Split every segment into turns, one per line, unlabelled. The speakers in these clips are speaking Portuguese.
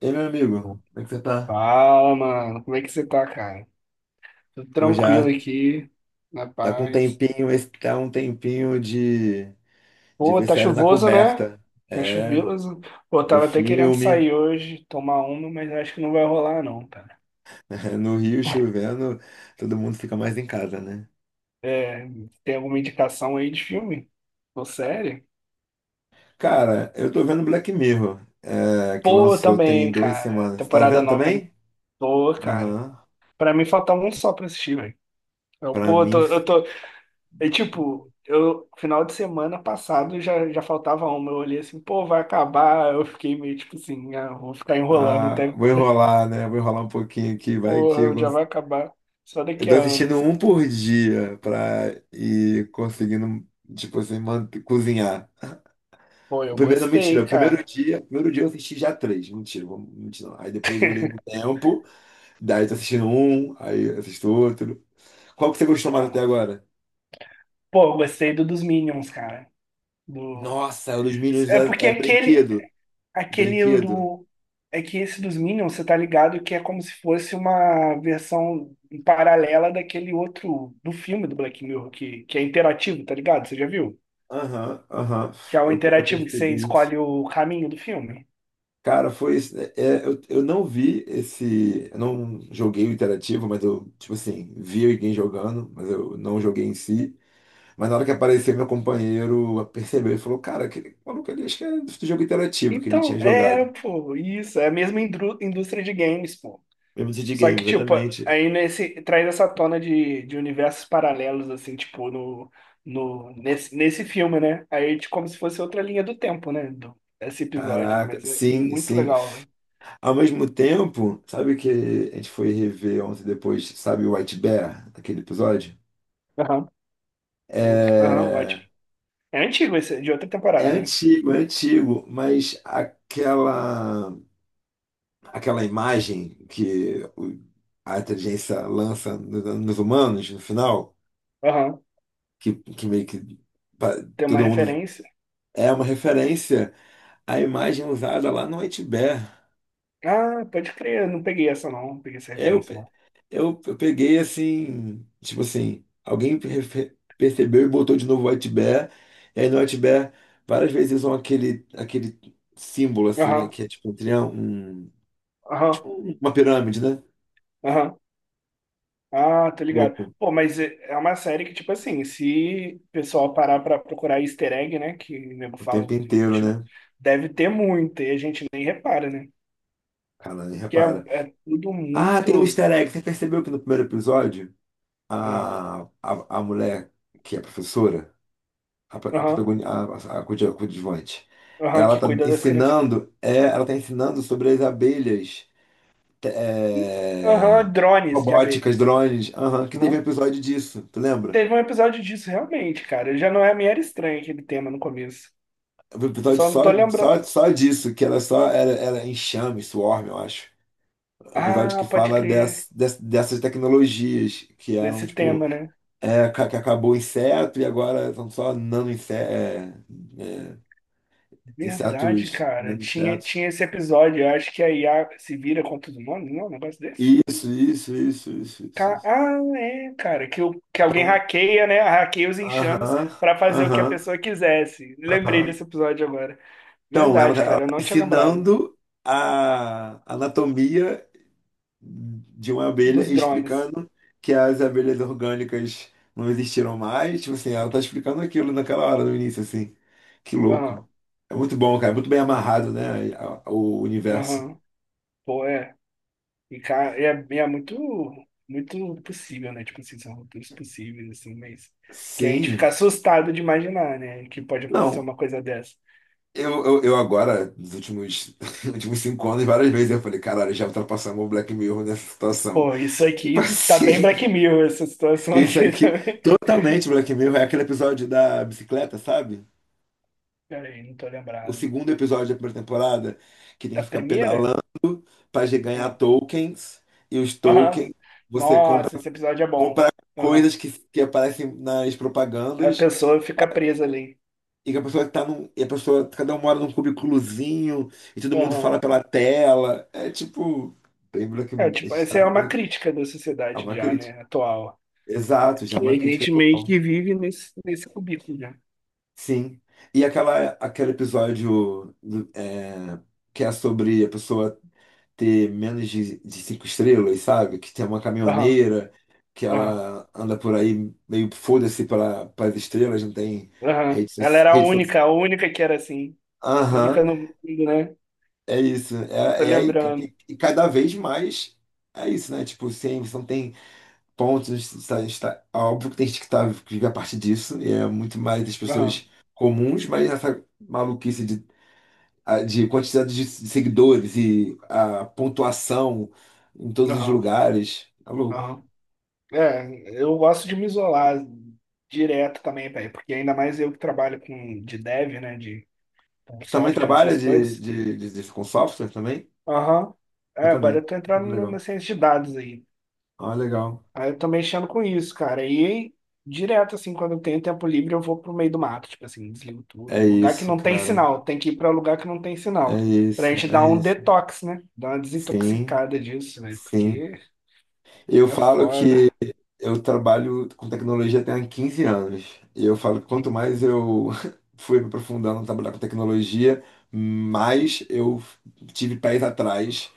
E aí, meu amigo, como é que você tá?
Fala, mano. Como é que você tá, cara? Tudo
Pô,
tranquilo
já
aqui, na
tá com um
paz.
tempinho, esse tá um tempinho de
Pô,
ver
tá
série na
chuvoso, né?
coberta.
Tá
É,
chuvoso. Pô, eu
ver
tava até querendo
filme.
sair hoje, tomar uma, mas acho que não vai rolar, não, cara.
No Rio chovendo, todo mundo fica mais em casa, né?
É, tem alguma indicação aí de filme? Ou série?
Cara, eu tô vendo Black Mirror, é, que
Pô,
lançou tem
também,
duas
cara.
semanas. Tá
Temporada
vendo
nova, né?
também?
Pô, cara.
Aham.
Pra mim faltava um só pra assistir, velho. Eu,
Pra
pô, eu tô,
mim.
eu tô, E tipo, eu final de semana passado já, faltava uma. Eu olhei assim, pô, vai acabar. Eu fiquei meio tipo assim, ah, vou ficar enrolando
Ah,
até,
vou enrolar, né? Vou enrolar um pouquinho aqui, vai que eu.
porra, já vai acabar só
Eu
daqui
tô
a
assistindo
anos.
um por dia pra ir conseguindo, tipo assim, cozinhar.
Pô,
O
eu
primeiro, não, mentira,
gostei,
o
cara.
primeiro dia eu assisti já três, mentira, mentira. Não. Aí depois eu dei um tempo, daí tô assistindo um, aí assisto outro. Qual que você gostou mais até
É.
agora?
Pô, eu gostei do dos Minions, cara. Do...
Nossa, o dos Minions
É porque
é
aquele,
brinquedo,
aquele
brinquedo.
do. É que esse dos Minions, você tá ligado que é como se fosse uma versão paralela daquele outro do filme do Black Mirror, que é interativo, tá ligado? Você já viu?
Aham, aham,
Que é o
eu
interativo que você
percebi.
escolhe o caminho do filme.
Cara, foi isso, né? É, eu não vi esse. Eu não joguei o interativo, mas eu, tipo assim, vi alguém jogando, mas eu não joguei em si. Mas na hora que apareceu, meu companheiro percebeu e falou: "Cara, aquele maluco ali, acho que é do jogo interativo que ele tinha
Então, é,
jogado."
pô, isso, é a mesma indústria de games, pô.
Mesmo de
Só
Game,
que, tipo,
exatamente.
aí nesse, traz essa tona de universos paralelos, assim, tipo, no, no, nesse, nesse filme, né? Aí, tipo, como se fosse outra linha do tempo, né? Do, esse episódio,
Caraca,
mas é
sim,
muito
sim.
legal, né?
Ao mesmo tempo, sabe que a gente foi rever ontem depois, sabe, o White Bear, aquele episódio?
Aham, aham, ótimo.
É,
É antigo esse, de outra
é
temporada, né?
antigo, é antigo, mas aquela imagem que a inteligência lança nos humanos no final,
Aham,
que meio que pa-
tem uma
todo mundo
referência.
é uma referência, à imagem é usada lá no White Bear.
Ah, pode crer, eu não peguei essa não, não peguei essa
Eu,
referência
pe-
não.
eu peguei assim, tipo assim, alguém percebeu e botou de novo White Bear, e aí no White Bear várias vezes usam aquele símbolo assim, né,
Aham,
que é tipo um triângulo,
aham,
tipo uma pirâmide, né?
aham. Ah, tô ligado.
Louco,
Pô, mas é uma série que, tipo assim, se o pessoal parar pra procurar easter egg, né, que o nego
o
fala,
tempo
né,
inteiro,
tipo,
né?
deve ter muito, e a gente nem repara, né?
Cara,
Que é,
repara.
é tudo
Ah,
muito...
tem um easter egg. Você percebeu que no primeiro episódio,
Aham,
a mulher que é professora, a, pro- a,
aham,
protagoni- a, coadju- coadjuvante,
aham,
ela
que
tá
cuida das crianças.
ensinando, é, ela tá ensinando sobre as abelhas te-
Ih,
é,
aham, drones de
robóticas,
abelhas.
drones, aham, que teve
Aham.
um episódio disso, tu lembra?
Teve um episódio disso, realmente, cara. Já não é meio era estranho aquele tema no começo.
Um
Eu
episódio
só não
só,
tô lembrando.
só, só disso, que ela só era enxame, swarm, eu acho. Um episódio
Ah,
que
pode
fala
crer,
dessas tecnologias que eram,
desse
tipo.
tema, né?
É, que acabou o inseto e agora são só nano inse- é, é,
Verdade,
insetos,
cara.
nano
Tinha,
insetos.
tinha esse episódio. Eu acho que a IA se vira contra os humanos, não? É um negócio desse?
Isso, isso, isso, isso, isso, isso.
Ah, é, cara. Que, que alguém
Então,
hackeia, né? Hackeia os enxames
aham,
pra fazer o que a
aham,
pessoa quisesse. Lembrei
aham.
desse episódio agora.
Então, ela
Verdade,
está
cara. Eu não tinha lembrado
ensinando a anatomia de uma abelha,
dos
e
drones.
explicando que as abelhas orgânicas não existiram mais. Tipo assim, ela está explicando aquilo naquela hora, no início, assim. Que louco.
Aham,
É muito bom, cara. É muito bem amarrado, né? O universo.
aham. Pô, é. E, cara, é, é muito, muito possível, né? Tipo assim, são roteiros possíveis, assim, mas. Que a gente
Sim.
fica assustado de imaginar, né? Que pode acontecer
Não,
uma coisa dessa.
eu agora, nos últimos, nos últimos 5 anos, várias vezes eu falei, caralho, já ultrapassamos o Black Mirror nessa situação.
Pô, isso
Tipo
aqui tá bem
assim,
Black Mirror, essa situação
isso
aqui
aqui,
também.
totalmente Black Mirror, é aquele episódio da bicicleta, sabe?
Peraí, não tô
O
lembrado.
segundo episódio da primeira temporada, que tem
Da
que ficar
primeira?
pedalando pra ganhar
Ah.
tokens, e os
Aham.
tokens você compra,
Nossa, esse episódio é bom.
compra coisas
Aham.
que aparecem nas
A
propagandas.
pessoa fica presa ali.
E que a pessoa tá num. E a pessoa. Cada um mora num cubículozinho e todo mundo
Aham.
fala pela tela. É tipo. Bem Black,
É,
a
tipo,
gente tá
essa é
no
uma
Black-.
crítica da
É
sociedade
uma
já,
crítica.
né, atual.
Exato, já é
Que a
uma crítica
gente meio
atual.
que vive nesse, nesse cubículo já.
Sim. E aquele episódio que é sobre a pessoa ter menos de cinco estrelas, sabe? Que tem uma
Aham,
caminhoneira, que
aham,
ela anda por aí meio foda-se pelas estrelas, não tem
aham.
rede
Ela
social.
era a
Rede social.
única, a única que era assim.
Aham.
Única no mundo, né?
É isso,
Tô
é aí
lembrando.
e cada vez mais é isso, né? Tipo, sim, você não tem pontos, tá, está, é óbvio que tem gente que, tá, que vive a partir disso, e é muito mais das
Aham,
pessoas comuns, mas essa maluquice de quantidade de seguidores e a pontuação em todos os
aham,
lugares, é louco.
aham. É, eu gosto de me isolar direto também, velho, porque ainda mais eu que trabalho com de dev, né, de
Também
software,
trabalha
essas coisas.
com software também?
Aham.
Eu
É, agora
também.
eu tô entrando
Muito
na
legal.
ciência de dados aí.
Ah, legal.
Aí eu tô mexendo com isso, cara. E direto, assim, quando eu tenho tempo livre, eu vou pro meio do mato, tipo assim, desligo tudo.
É
Lugar que
isso,
não tem
cara.
sinal, tem que ir pra lugar que não tem
É
sinal. Pra
isso,
gente
é
dar um
isso.
detox, né? Dar uma
Sim,
desintoxicada disso, né?
sim.
Porque
Eu
é
falo que
foda.
eu trabalho com tecnologia tem há 15 anos. E eu falo que quanto mais eu fui me aprofundando no trabalhar com tecnologia, mais eu tive pés atrás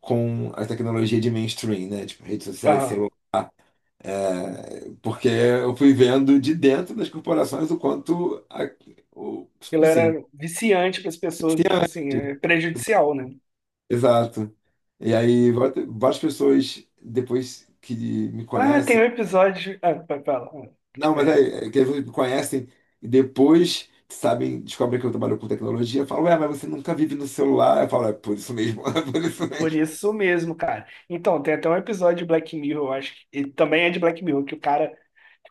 com a tecnologia de mainstream, né? Tipo, redes sociais,
Uhum.
celular. É, porque eu fui vendo de dentro das corporações o quanto... o,
Aquilo era
sim,
viciante para as pessoas, e, tipo assim, é prejudicial, né?
exato. E aí, várias pessoas, depois que me
Ah, tem
conhecem.
um episódio. Ah, fala. Ah,
Não,
tipo,
mas
é...
aí, é que eles me conhecem e depois sabem, descobrem que eu trabalho com tecnologia, falam, ué, mas você nunca vive no celular. Eu falo, é por isso mesmo, é por isso
Por
mesmo.
isso mesmo, cara. Então, tem até um episódio de Black Mirror, eu acho que. E também é de Black Mirror, que o cara.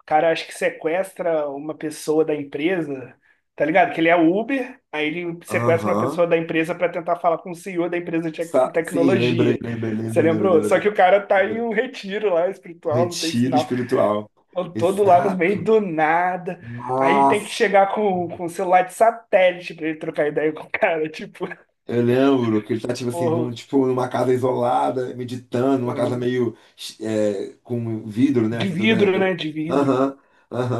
O cara acho que sequestra uma pessoa da empresa, tá ligado? Que ele é Uber, aí ele sequestra uma
Aham.
pessoa da empresa para tentar falar com o CEO da empresa de
Sim, lembrei,
tecnologia.
lembrei,
Você
lembrei, lembrei,
lembrou? Só que
lembrei,
o cara tá em
lembrei.
um retiro lá espiritual, não tem
Retiro
sinal.
espiritual.
Eu todo lá no meio
Exato.
do nada. Aí tem que
Nossa.
chegar com um celular de satélite pra ele trocar ideia com o cara. Tipo,
Eu lembro que ele tá, tipo assim,
porra,
tipo, numa casa isolada, meditando, uma casa
uhum,
meio com vidro, né?
de
Assim,
vidro, né? De vidro.
Aham,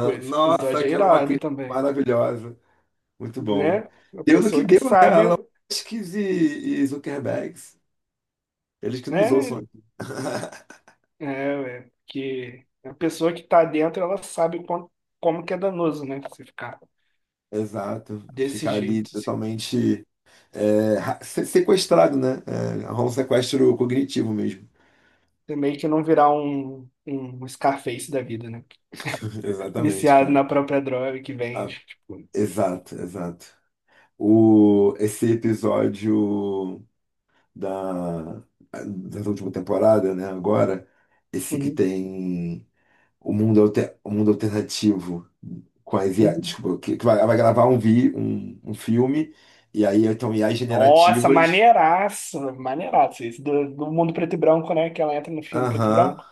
Pô, esse
Nossa,
episódio é
aquela é uma
irado
crise
também,
maravilhosa. Muito bom.
né? A
Deu no que
pessoa que
deu, né?
sabe,
Elon Musk e Zuckerberg. Eles que
né?
nos ouçam aqui.
É, ué, que a pessoa que tá dentro, ela sabe como, como que é danoso, né? Você ficar
Exato.
desse
Ficar ali
jeito, assim.
totalmente sequestrado, né? É, rola um sequestro cognitivo mesmo.
Também que não virar um, um Scarface da vida, né?
Exatamente,
Viciado na
cara.
própria droga que
Ah,
vende. Tipo,
exato, exato. O, esse episódio da, da última temporada, né? Agora, esse que
uhum,
tem o mundo alternativo com a IA,
uhum.
desculpa, que vai, ela vai gravar um filme, e aí então IAs
Nossa,
generativas.
maneiraço, maneiraço. Esse do, do mundo preto e branco, né? Que ela entra no filme preto e
Aham,
branco.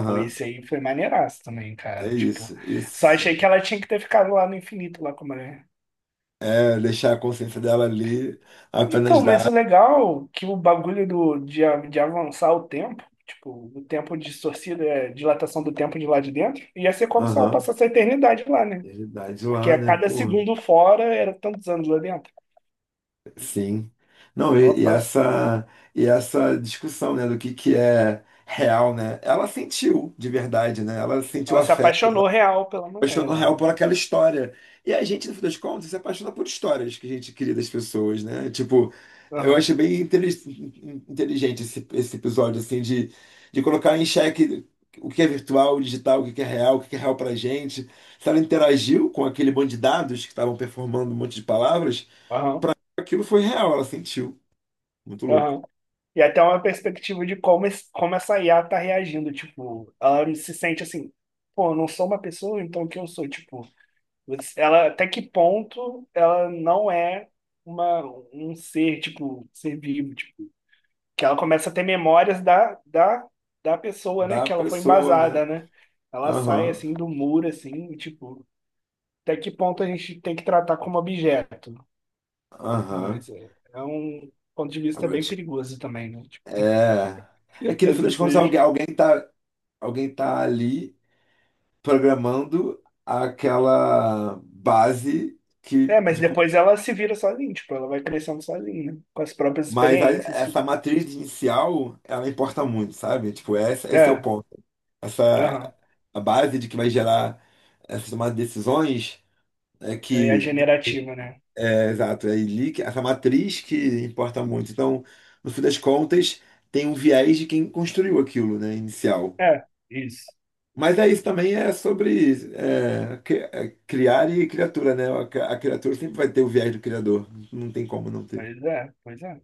Pô, esse aí foi maneiraço também,
é
cara. Tipo,
isso,
só
isso.
achei que ela tinha que ter ficado lá no infinito, lá com a mulher.
É deixar a consciência dela ali, apenas
Então, mas
dar.
o legal é que o bagulho do, de, de avançar o tempo, tipo, o tempo distorcido, é dilatação do tempo de lá de dentro, ia ser como se ela
Aham,
passasse a eternidade lá, né?
realidade
Porque
lá,
a
né,
cada
pô?
segundo fora era tantos anos lá dentro.
Sim. Não,
Ela
e, e
passa,
essa, e essa discussão, né, do que é real, né? Ela sentiu de verdade, né? Ela sentiu
ela se
afeto
apaixonou real pela mulher
apaixonou
lá.
real por aquela história. E a gente, no fim das contas, se apaixona por histórias que a gente cria das pessoas, né? Tipo, eu
Aham,
achei bem inteligente esse episódio, assim, de, colocar em xeque o que é virtual, o digital, o que é real, o que é real pra gente. Se ela interagiu com aquele bando de dados que estavam performando um monte de palavras,
aham,
aquilo foi real, ela sentiu. Muito louco.
aham. E até uma perspectiva de como, como essa IA tá reagindo. Tipo, ela se sente assim, pô, eu não sou uma pessoa, então o que eu sou? Tipo, ela até que ponto ela não é uma, um ser, tipo, um ser vivo, tipo, que ela começa a ter memórias da pessoa, né?
Da
Que ela foi
pessoa, né?
embasada, né? Ela sai
Aham,
assim do muro, assim, e, tipo, até que ponto a gente tem que tratar como objeto? Não,
aham.
mas é, é um ponto de vista
Agora,
bem perigoso também, né? Tipo,
é. É que no
às
fim das contas,
vezes
alguém tá ali programando aquela base
é, mas depois ela se vira sozinha, tipo, ela vai crescendo sozinha, né? Com as próprias
Mas
experiências,
essa
tipo.
matriz inicial ela importa muito, sabe? Tipo, esse é o
É,
ponto.
aham.
Essa a base de que vai gerar essas tomadas de decisões é
Aí é
que
generativa, né?
exato, é ali que essa matriz que importa muito. Então, no fim das contas, tem um viés de quem construiu aquilo, né, inicial.
É, isso.
Mas é isso também é sobre criar e criatura, né? A criatura sempre vai ter o viés do criador. Não tem como não ter.
Pois é, pois é.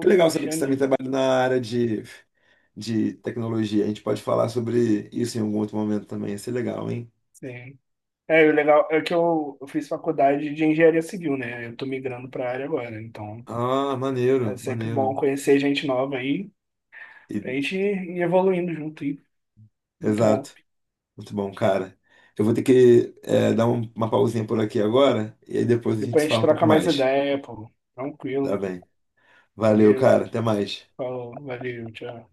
Que legal saber que você também
cristianismo.
trabalha na área de tecnologia. A gente pode falar sobre isso em algum outro momento também. Ia ser legal, hein?
Sim. É, e o legal é que eu fiz faculdade de engenharia civil, né? Eu tô migrando pra área agora, então
Ah,
é
maneiro,
sempre bom
maneiro.
conhecer gente nova aí,
E-
pra gente ir evoluindo junto aí. Muito bom.
Exato. Muito bom, cara. Eu vou ter que dar uma pausinha por aqui agora e aí depois a gente
Depois
se
a gente
fala um pouco
troca mais
mais.
ideia, pô. Tranquilo,
Tá bem. Valeu,
beleza?
cara. Até mais.
Falou, valeu, tchau.